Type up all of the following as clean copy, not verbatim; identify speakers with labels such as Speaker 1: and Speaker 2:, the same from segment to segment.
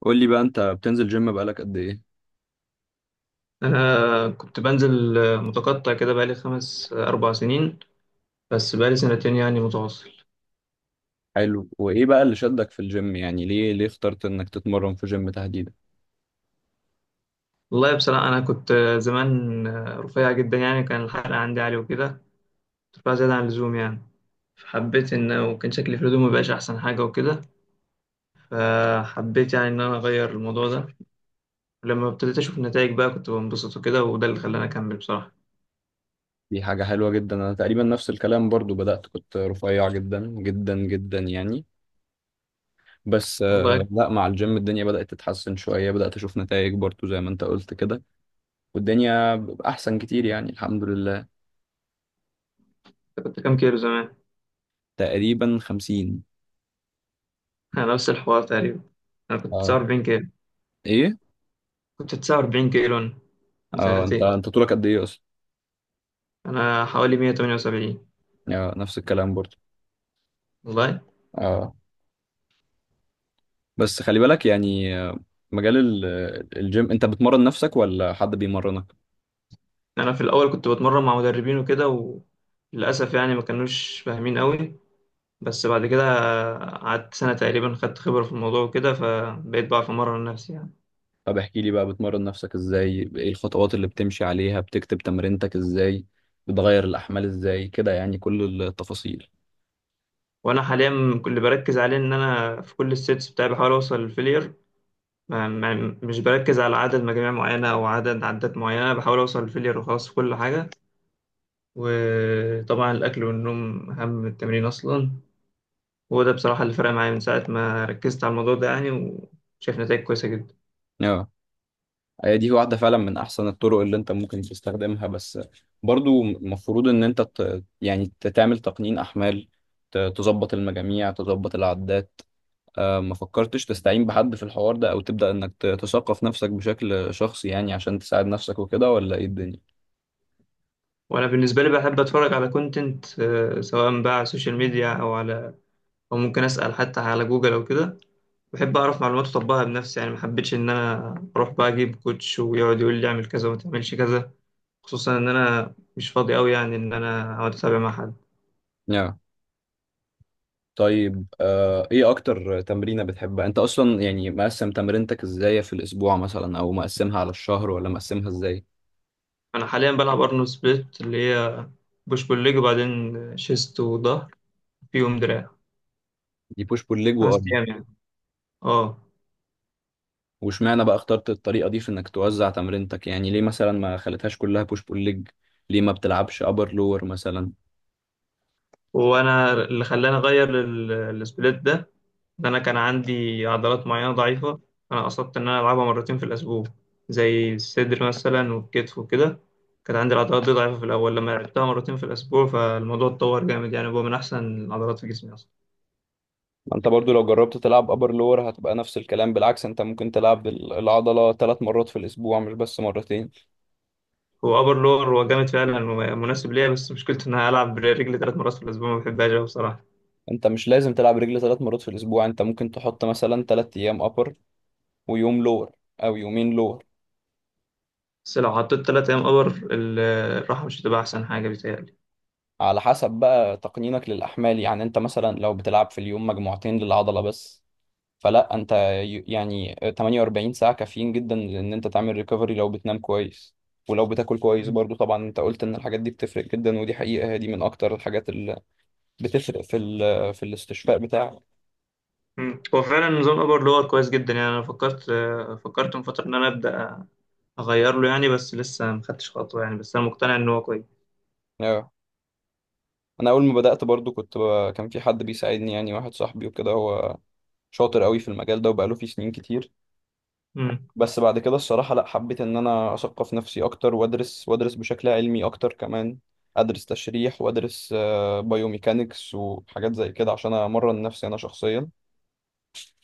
Speaker 1: قول لي بقى انت بتنزل جيم بقالك قد ايه؟
Speaker 2: أنا كنت بنزل متقطع كده بقالي خمس آه، 4 سنين. بس بقالي سنتين يعني متواصل.
Speaker 1: حلو. وايه بقى اللي شدك في الجيم؟ يعني ليه اخترت انك تتمرن في جيم تحديدا؟
Speaker 2: والله بصراحة أنا كنت زمان رفيع جدا يعني، كان الحرق عندي عالي وكده. كنت رفيع زيادة عن اللزوم يعني. فحبيت إن وكان شكلي في الهدوم مبقاش أحسن حاجة وكده. فحبيت يعني إن أنا أغير الموضوع ده. ولما ابتديت أشوف النتائج بقى كنت بنبسط وكده، وده اللي خلاني أكمل بصراحة.
Speaker 1: دي حاجة حلوة جدا. انا تقريبا نفس الكلام برضو، بدأت كنت رفيع جدا جدا جدا يعني. بس
Speaker 2: والله كنت
Speaker 1: لا مع الجيم الدنيا بدأت تتحسن شوية، بدأت اشوف نتائج برضو زي ما انت قلت كده. والدنيا احسن كتير يعني الحمد لله.
Speaker 2: كنت كام كيلو زمان؟
Speaker 1: تقريبا خمسين.
Speaker 2: أنا نفس الحوار تقريبا. أنا كنت
Speaker 1: اه.
Speaker 2: 49 كيلو.
Speaker 1: ايه.
Speaker 2: كنت 49 كيلو أنا، من
Speaker 1: اه، انت
Speaker 2: سنتين.
Speaker 1: انت طولك قد ايه اصلا؟
Speaker 2: انا حوالي 178.
Speaker 1: نفس الكلام برضو.
Speaker 2: والله.
Speaker 1: اه. بس خلي بالك يعني مجال الجيم، انت بتمرن نفسك ولا حد بيمرنك؟
Speaker 2: انا في الاول كنت بتمرن مع مدربين وكده، وللاسف يعني ما كانوش فاهمين قوي. بس بعد كده قعدت سنه تقريبا، خدت خبره في الموضوع وكده، فبقيت بعرف امرن نفسي يعني.
Speaker 1: طب احكي لي بقى، بتمرن نفسك ازاي؟ ايه الخطوات اللي بتمشي عليها؟ بتكتب تمرينتك ازاي؟ بتغير الاحمال ازاي كده؟ يعني كل التفاصيل.
Speaker 2: وانا حاليا اللي بركز عليه ان انا في كل السيتس بتاعي بحاول اوصل للفيلير. ما مش بركز على عدد مجاميع معينه او عدد عدات معينه، بحاول اوصل للفيلير وخلاص في كل حاجه. وطبعا الاكل والنوم اهم من التمرين اصلا، وده بصراحة اللي فرق معايا من ساعة ما ركزت على الموضوع ده يعني، وشايف نتائج كويسة جدا.
Speaker 1: اه، هي دي واحدة فعلا من احسن الطرق اللي انت ممكن تستخدمها. بس برضو المفروض ان انت تعمل تقنين احمال، تظبط المجاميع، تظبط العدات. ما فكرتش تستعين بحد في الحوار ده، او تبدأ انك تثقف نفسك بشكل شخصي يعني عشان تساعد نفسك وكده؟ ولا ايه الدنيا؟
Speaker 2: وأنا بالنسبة لي بحب أتفرج على كونتنت، سواء بقى على السوشيال ميديا أو ممكن أسأل حتى على جوجل أو كده. بحب أعرف معلومات وأطبقها بنفسي يعني، ما حبيتش إن أنا أروح بقى أجيب كوتش ويقعد يقول لي أعمل كذا وما تعملش كذا، خصوصا إن أنا مش فاضي أوي يعني إن أنا أقعد أتابع مع حد.
Speaker 1: يا طيب، ايه اكتر تمرينة بتحبها انت اصلا؟ يعني مقسم تمرينتك ازاي في الاسبوع؟ مثلا او مقسمها على الشهر ولا مقسمها ازاي؟
Speaker 2: أنا حاليا بلعب أرنولد سبليت، اللي هي بوش بول ليج وبعدين شيست وظهر فيهم دراع.
Speaker 1: دي بوش بول ليج
Speaker 2: خمس
Speaker 1: وارم.
Speaker 2: أيام يعني. أه.
Speaker 1: واشمعنى بقى اخترت الطريقة دي في انك توزع تمرينتك؟ يعني ليه مثلا ما خليتهاش كلها بوش بول ليج؟ ليه ما بتلعبش ابر لور مثلا؟
Speaker 2: وانا اللي خلاني اغير السبليت ده ان انا كان عندي عضلات معينه ضعيفه. انا قصدت ان انا العبها مرتين في الاسبوع، زي الصدر مثلا والكتف وكده. كانت عندي العضلات دي ضعيفه في الاول، لما لعبتها مرتين في الاسبوع فالموضوع اتطور جامد يعني، هو من احسن العضلات في جسمي اصلا.
Speaker 1: ما انت برضو لو جربت تلعب ابر لور هتبقى نفس الكلام، بالعكس انت ممكن تلعب العضلة ثلاث مرات في الاسبوع مش بس مرتين.
Speaker 2: هو ابر لور هو جامد فعلا ومناسب ليا، بس مشكلته ان انا العب برجلي 3 مرات في الاسبوع، ما بحبهاش أوي بصراحه.
Speaker 1: انت مش لازم تلعب رجل ثلاث مرات في الاسبوع، انت ممكن تحط مثلا ثلاث ايام ابر ويوم لور، او يومين لور.
Speaker 2: بس لو حطيت 3 ايام ابر الراحه مش هتبقى احسن حاجه بيتهيألي.
Speaker 1: على حسب بقى تقنينك للاحمال. يعني انت مثلا لو بتلعب في اليوم مجموعتين للعضلة بس، فلا انت يعني 48 ساعة كافيين جدا ان انت تعمل ريكفري، لو بتنام كويس ولو بتاكل كويس برضو. طبعا انت قلت ان الحاجات دي بتفرق جدا، ودي حقيقة، هي دي من اكتر الحاجات بتفرق في في الاستشفاء بتاعك.
Speaker 2: مم. هو فعلا نظام ابر لور كويس جدا يعني، انا فكرت من فتره ان انا ابدا اغير له يعني، بس لسه ما خدتش خطوه يعني، بس انا مقتنع ان هو كويس.
Speaker 1: آه. انا اول ما بدأت برضو كنت كان في حد بيساعدني يعني، واحد صاحبي وكده، هو شاطر قوي في المجال ده وبقاله فيه سنين كتير.
Speaker 2: مم.
Speaker 1: بس بعد كده الصراحة لا، حبيت ان انا اثقف نفسي اكتر وادرس، وادرس بشكل علمي اكتر كمان. ادرس تشريح وادرس بايوميكانكس وحاجات زي كده عشان امرن نفسي انا شخصيا.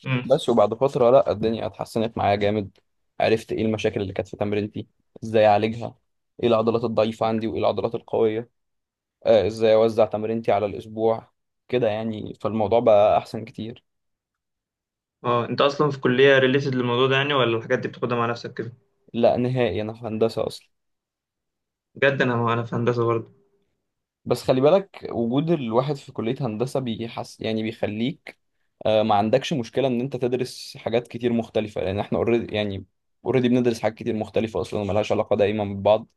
Speaker 2: مم.
Speaker 1: بس وبعد فترة لا الدنيا اتحسنت معايا جامد، عرفت ايه المشاكل اللي كانت في تمرينتي، ازاي اعالجها، ايه العضلات الضعيفة عندي وايه العضلات القوية، ازاي اوزع تمرينتي على الاسبوع كده يعني. فالموضوع بقى احسن كتير.
Speaker 2: اه، انت اصلا في كليه ريليتد للموضوع ده يعني، ولا الحاجات دي بتاخدها مع نفسك كده؟
Speaker 1: لا نهائي، انا في هندسة اصلا.
Speaker 2: بجد. انا في هندسه برضه.
Speaker 1: بس خلي بالك، وجود الواحد في كلية هندسة بيحس يعني، بيخليك ما عندكش مشكلة ان انت تدرس حاجات كتير مختلفة، لان احنا اوريدي يعني اوريدي بندرس حاجات كتير مختلفة اصلا وملهاش علاقة دايما ببعض.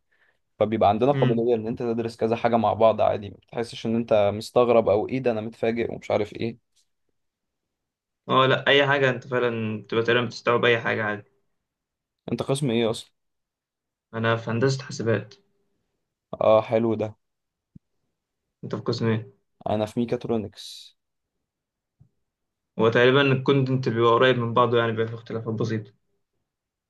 Speaker 1: فبيبقى عندنا
Speaker 2: مم.
Speaker 1: قابلية ان انت تدرس كذا حاجة مع بعض عادي، ما بتحسش ان انت مستغرب او ايه ده انا متفاجئ ومش عارف ايه.
Speaker 2: اه لا، اي حاجه انت فعلا بتبقى تقريبا بتستوعب اي حاجه عادي.
Speaker 1: انت قسم ايه اصلا؟
Speaker 2: انا في هندسه حاسبات.
Speaker 1: اه حلو ده.
Speaker 2: انت في قسم ايه؟
Speaker 1: انا في ميكاترونكس.
Speaker 2: هو تقريبا الكونتنت بيبقى قريب من بعضه، يعني بيبقى في اختلافات بسيطه.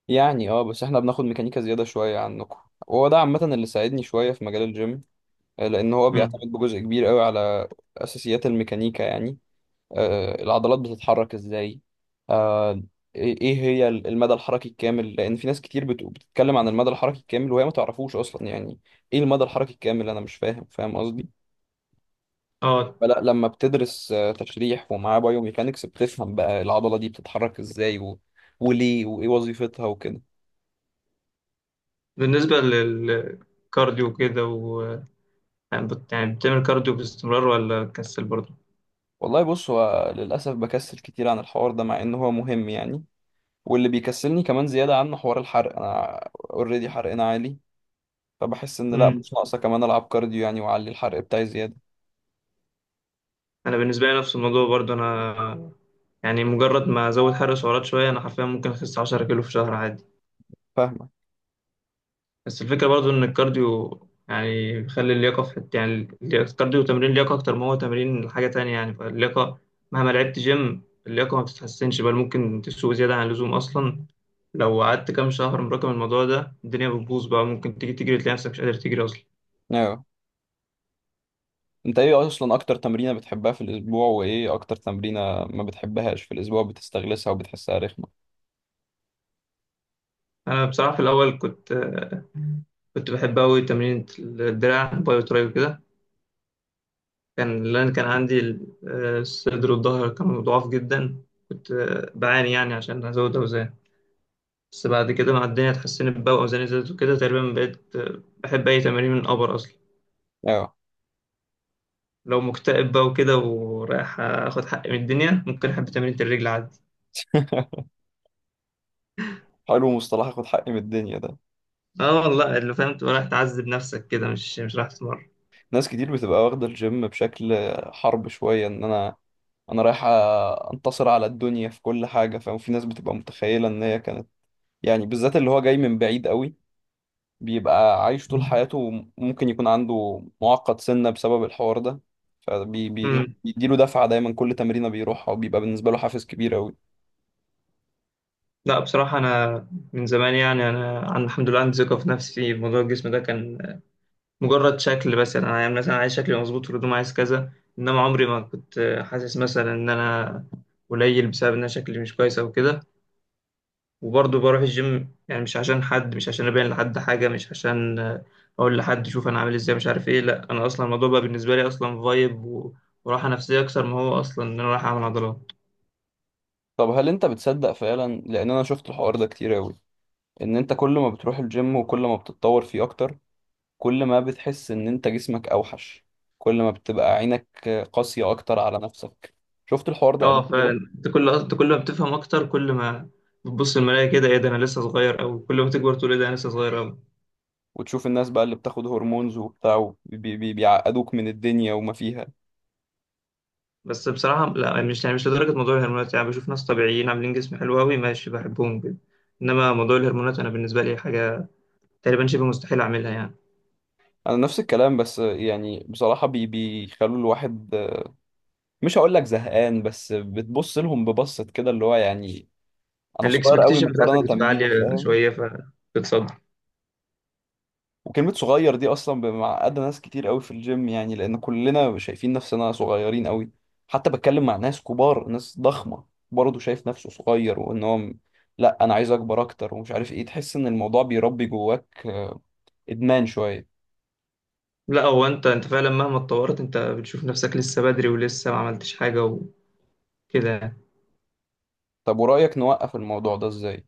Speaker 1: يعني اه، بس احنا بناخد ميكانيكا زيادة شوية عنكم، وهو ده عامة اللي ساعدني شوية في مجال الجيم. لأن هو
Speaker 2: مم.
Speaker 1: بيعتمد بجزء كبير قوي على أساسيات الميكانيكا يعني. العضلات بتتحرك ازاي، آه، ايه هي المدى الحركي الكامل؟ لأن في ناس كتير بتتكلم عن المدى الحركي الكامل وهي ما تعرفوش أصلا يعني ايه المدى الحركي الكامل، أنا مش فاهم قصدي.
Speaker 2: اه.
Speaker 1: فلا لما بتدرس تشريح ومعاه بايوميكانكس، بتفهم بقى العضلة دي بتتحرك ازاي وليه، وايه وظيفتها وكده.
Speaker 2: بالنسبه للكارديو كده، يعني بتعمل كارديو باستمرار ولا كسل برضه؟
Speaker 1: والله بص، هو للأسف بكسل كتير عن الحوار ده مع إن هو مهم يعني. واللي بيكسلني كمان زيادة عنه حوار الحرق. أنا أوريدي حرقنا عالي، فبحس إن لأ
Speaker 2: امم
Speaker 1: مش ناقصة كمان ألعب كارديو يعني وأعلي الحرق بتاعي زيادة.
Speaker 2: انا بالنسبه لي نفس الموضوع برضه. انا يعني مجرد ما ازود حرق سعرات شويه انا حرفيا ممكن اخس 10 كيلو في شهر عادي.
Speaker 1: فاهمك.
Speaker 2: بس الفكره برضه ان الكارديو يعني بيخلي اللياقه في حته، يعني الكارديو تمرين لياقه اكتر ما هو تمرين حاجه تانية يعني، فاللياقه مهما لعبت جيم اللياقه ما بتتحسنش، بل ممكن تسوء زياده عن اللزوم اصلا. لو قعدت كام شهر مراكم الموضوع ده الدنيا بتبوظ بقى، ممكن تيجي تجري تلاقي نفسك مش قادر تجري اصلا.
Speaker 1: أيوه. أنت إيه أصلا أكتر تمرينة بتحبها في الأسبوع، وإيه أكتر تمرينة ما بتحبهاش في الأسبوع بتستغلسها وبتحسها رخمة؟
Speaker 2: انا بصراحه في الاول كنت بحب أوي تمرين الدراع باي وتراي وكده، كان لأن كان عندي الصدر والظهر كانوا ضعاف جدا. كنت بعاني يعني عشان أزود أوزان. بس بعد كده مع الدنيا اتحسنت بقى وأوزاني زادت وكده، تقريبا بقيت بحب أي تمارين من الأبر أصلا.
Speaker 1: أيوه.
Speaker 2: لو مكتئب بقى وكده ورايح آخد حقي من الدنيا، ممكن أحب تمرين الرجل عادي.
Speaker 1: حلو مصطلح آخد حقي من الدنيا ده.
Speaker 2: اه والله، اللي فاهم تبقى رايح تعذب نفسك كده، مش رايح تتمرن.
Speaker 1: ناس كتير بتبقى واخدة الجيم بشكل حرب شوية، ان انا انا رايح انتصر على الدنيا في كل حاجة، فاهم؟ في ناس بتبقى متخيلة ان هي كانت يعني، بالذات اللي هو جاي من بعيد قوي، بيبقى عايش طول حياته ممكن يكون عنده معقد سنة بسبب الحوار ده.
Speaker 2: امم.
Speaker 1: فبيديله دفعة دايما كل تمرينة بيروحها، وبيبقى بالنسبة له حافز كبير قوي.
Speaker 2: لا بصراحة أنا من زمان يعني، أنا الحمد لله عندي ثقة في نفسي. موضوع الجسم ده كان مجرد شكل، مثلا انا يعني انا مثلا عايز شكلي مظبوط في الهدوم، عايز كذا. انما عمري ما كنت حاسس مثلا ان انا قليل بسبب ان انا شكلي مش كويس او كده. وبرضه بروح الجيم يعني، مش عشان حد، مش عشان ابين لحد حاجه، مش عشان اقول لحد شوف انا عامل ازاي مش عارف ايه. لا انا اصلا الموضوع بقى بالنسبه لي اصلا فايب وراحه نفسيه اكتر ما هو اصلا ان انا رايح اعمل عضلات.
Speaker 1: طب هل انت بتصدق فعلا، لان انا شفت الحوار ده كتير قوي، ان انت كل ما بتروح الجيم وكل ما بتتطور فيه اكتر، كل ما بتحس ان انت جسمك اوحش، كل ما بتبقى عينك قاسية اكتر على نفسك؟ شفت الحوار ده قبل
Speaker 2: اه
Speaker 1: كده؟
Speaker 2: فعلا، انت كل ما بتفهم اكتر، كل ما بتبص المرايه كده ايه ده انا لسه صغير، او كل ما تكبر تقول ايه ده انا لسه صغير.
Speaker 1: وتشوف الناس بقى اللي بتاخد هرمونز وبتاع وبي- بي- بيعقدوك من الدنيا وما فيها.
Speaker 2: بس بصراحة لا، يعني مش لدرجة موضوع الهرمونات. يعني بشوف ناس طبيعيين عاملين جسم حلو أوي ماشي، بحبهم جدا. إنما موضوع الهرمونات أنا بالنسبة لي حاجة تقريبا شبه مستحيل أعملها يعني.
Speaker 1: انا نفس الكلام، بس يعني بصراحة بيخلوا الواحد مش هقول لك زهقان، بس بتبص لهم ببصة كده اللي هو يعني انا صغير قوي
Speaker 2: الإكسبكتيشن بتاعتك
Speaker 1: مقارنة
Speaker 2: بتبقى
Speaker 1: بيه،
Speaker 2: عالية
Speaker 1: فاهم؟
Speaker 2: شوية فبتصدم.
Speaker 1: وكلمة صغير دي أصلا معقدة ناس كتير قوي في الجيم، يعني لأن كلنا شايفين نفسنا صغيرين قوي. حتى بتكلم مع ناس كبار، ناس ضخمة، برضه شايف نفسه صغير، وإن لأ أنا عايز أكبر أكتر ومش عارف إيه. تحس إن الموضوع بيربي جواك إدمان شوية.
Speaker 2: لا، هو أنت فعلا مهما اتطورت أنت بتشوف نفسك لسه بدري ولسه ما عملتش حاجة وكده يعني.
Speaker 1: طب ورأيك نوقف الموضوع ده إزاي؟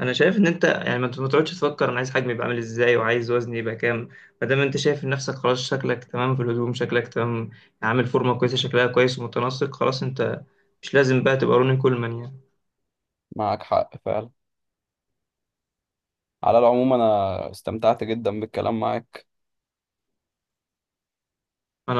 Speaker 2: انا شايف ان انت يعني ما تقعدش تفكر انا عايز حجمي يبقى عامل ازاي وعايز وزني يبقى كام. ما دام انت شايف نفسك خلاص شكلك تمام في الهدوم، شكلك تمام، عامل فورمه كويسه شكلها كويس ومتناسق، خلاص انت مش لازم بقى تبقى روني كولمان يعني.
Speaker 1: معاك حق فعلا. على العموم أنا استمتعت جدا بالكلام معاك.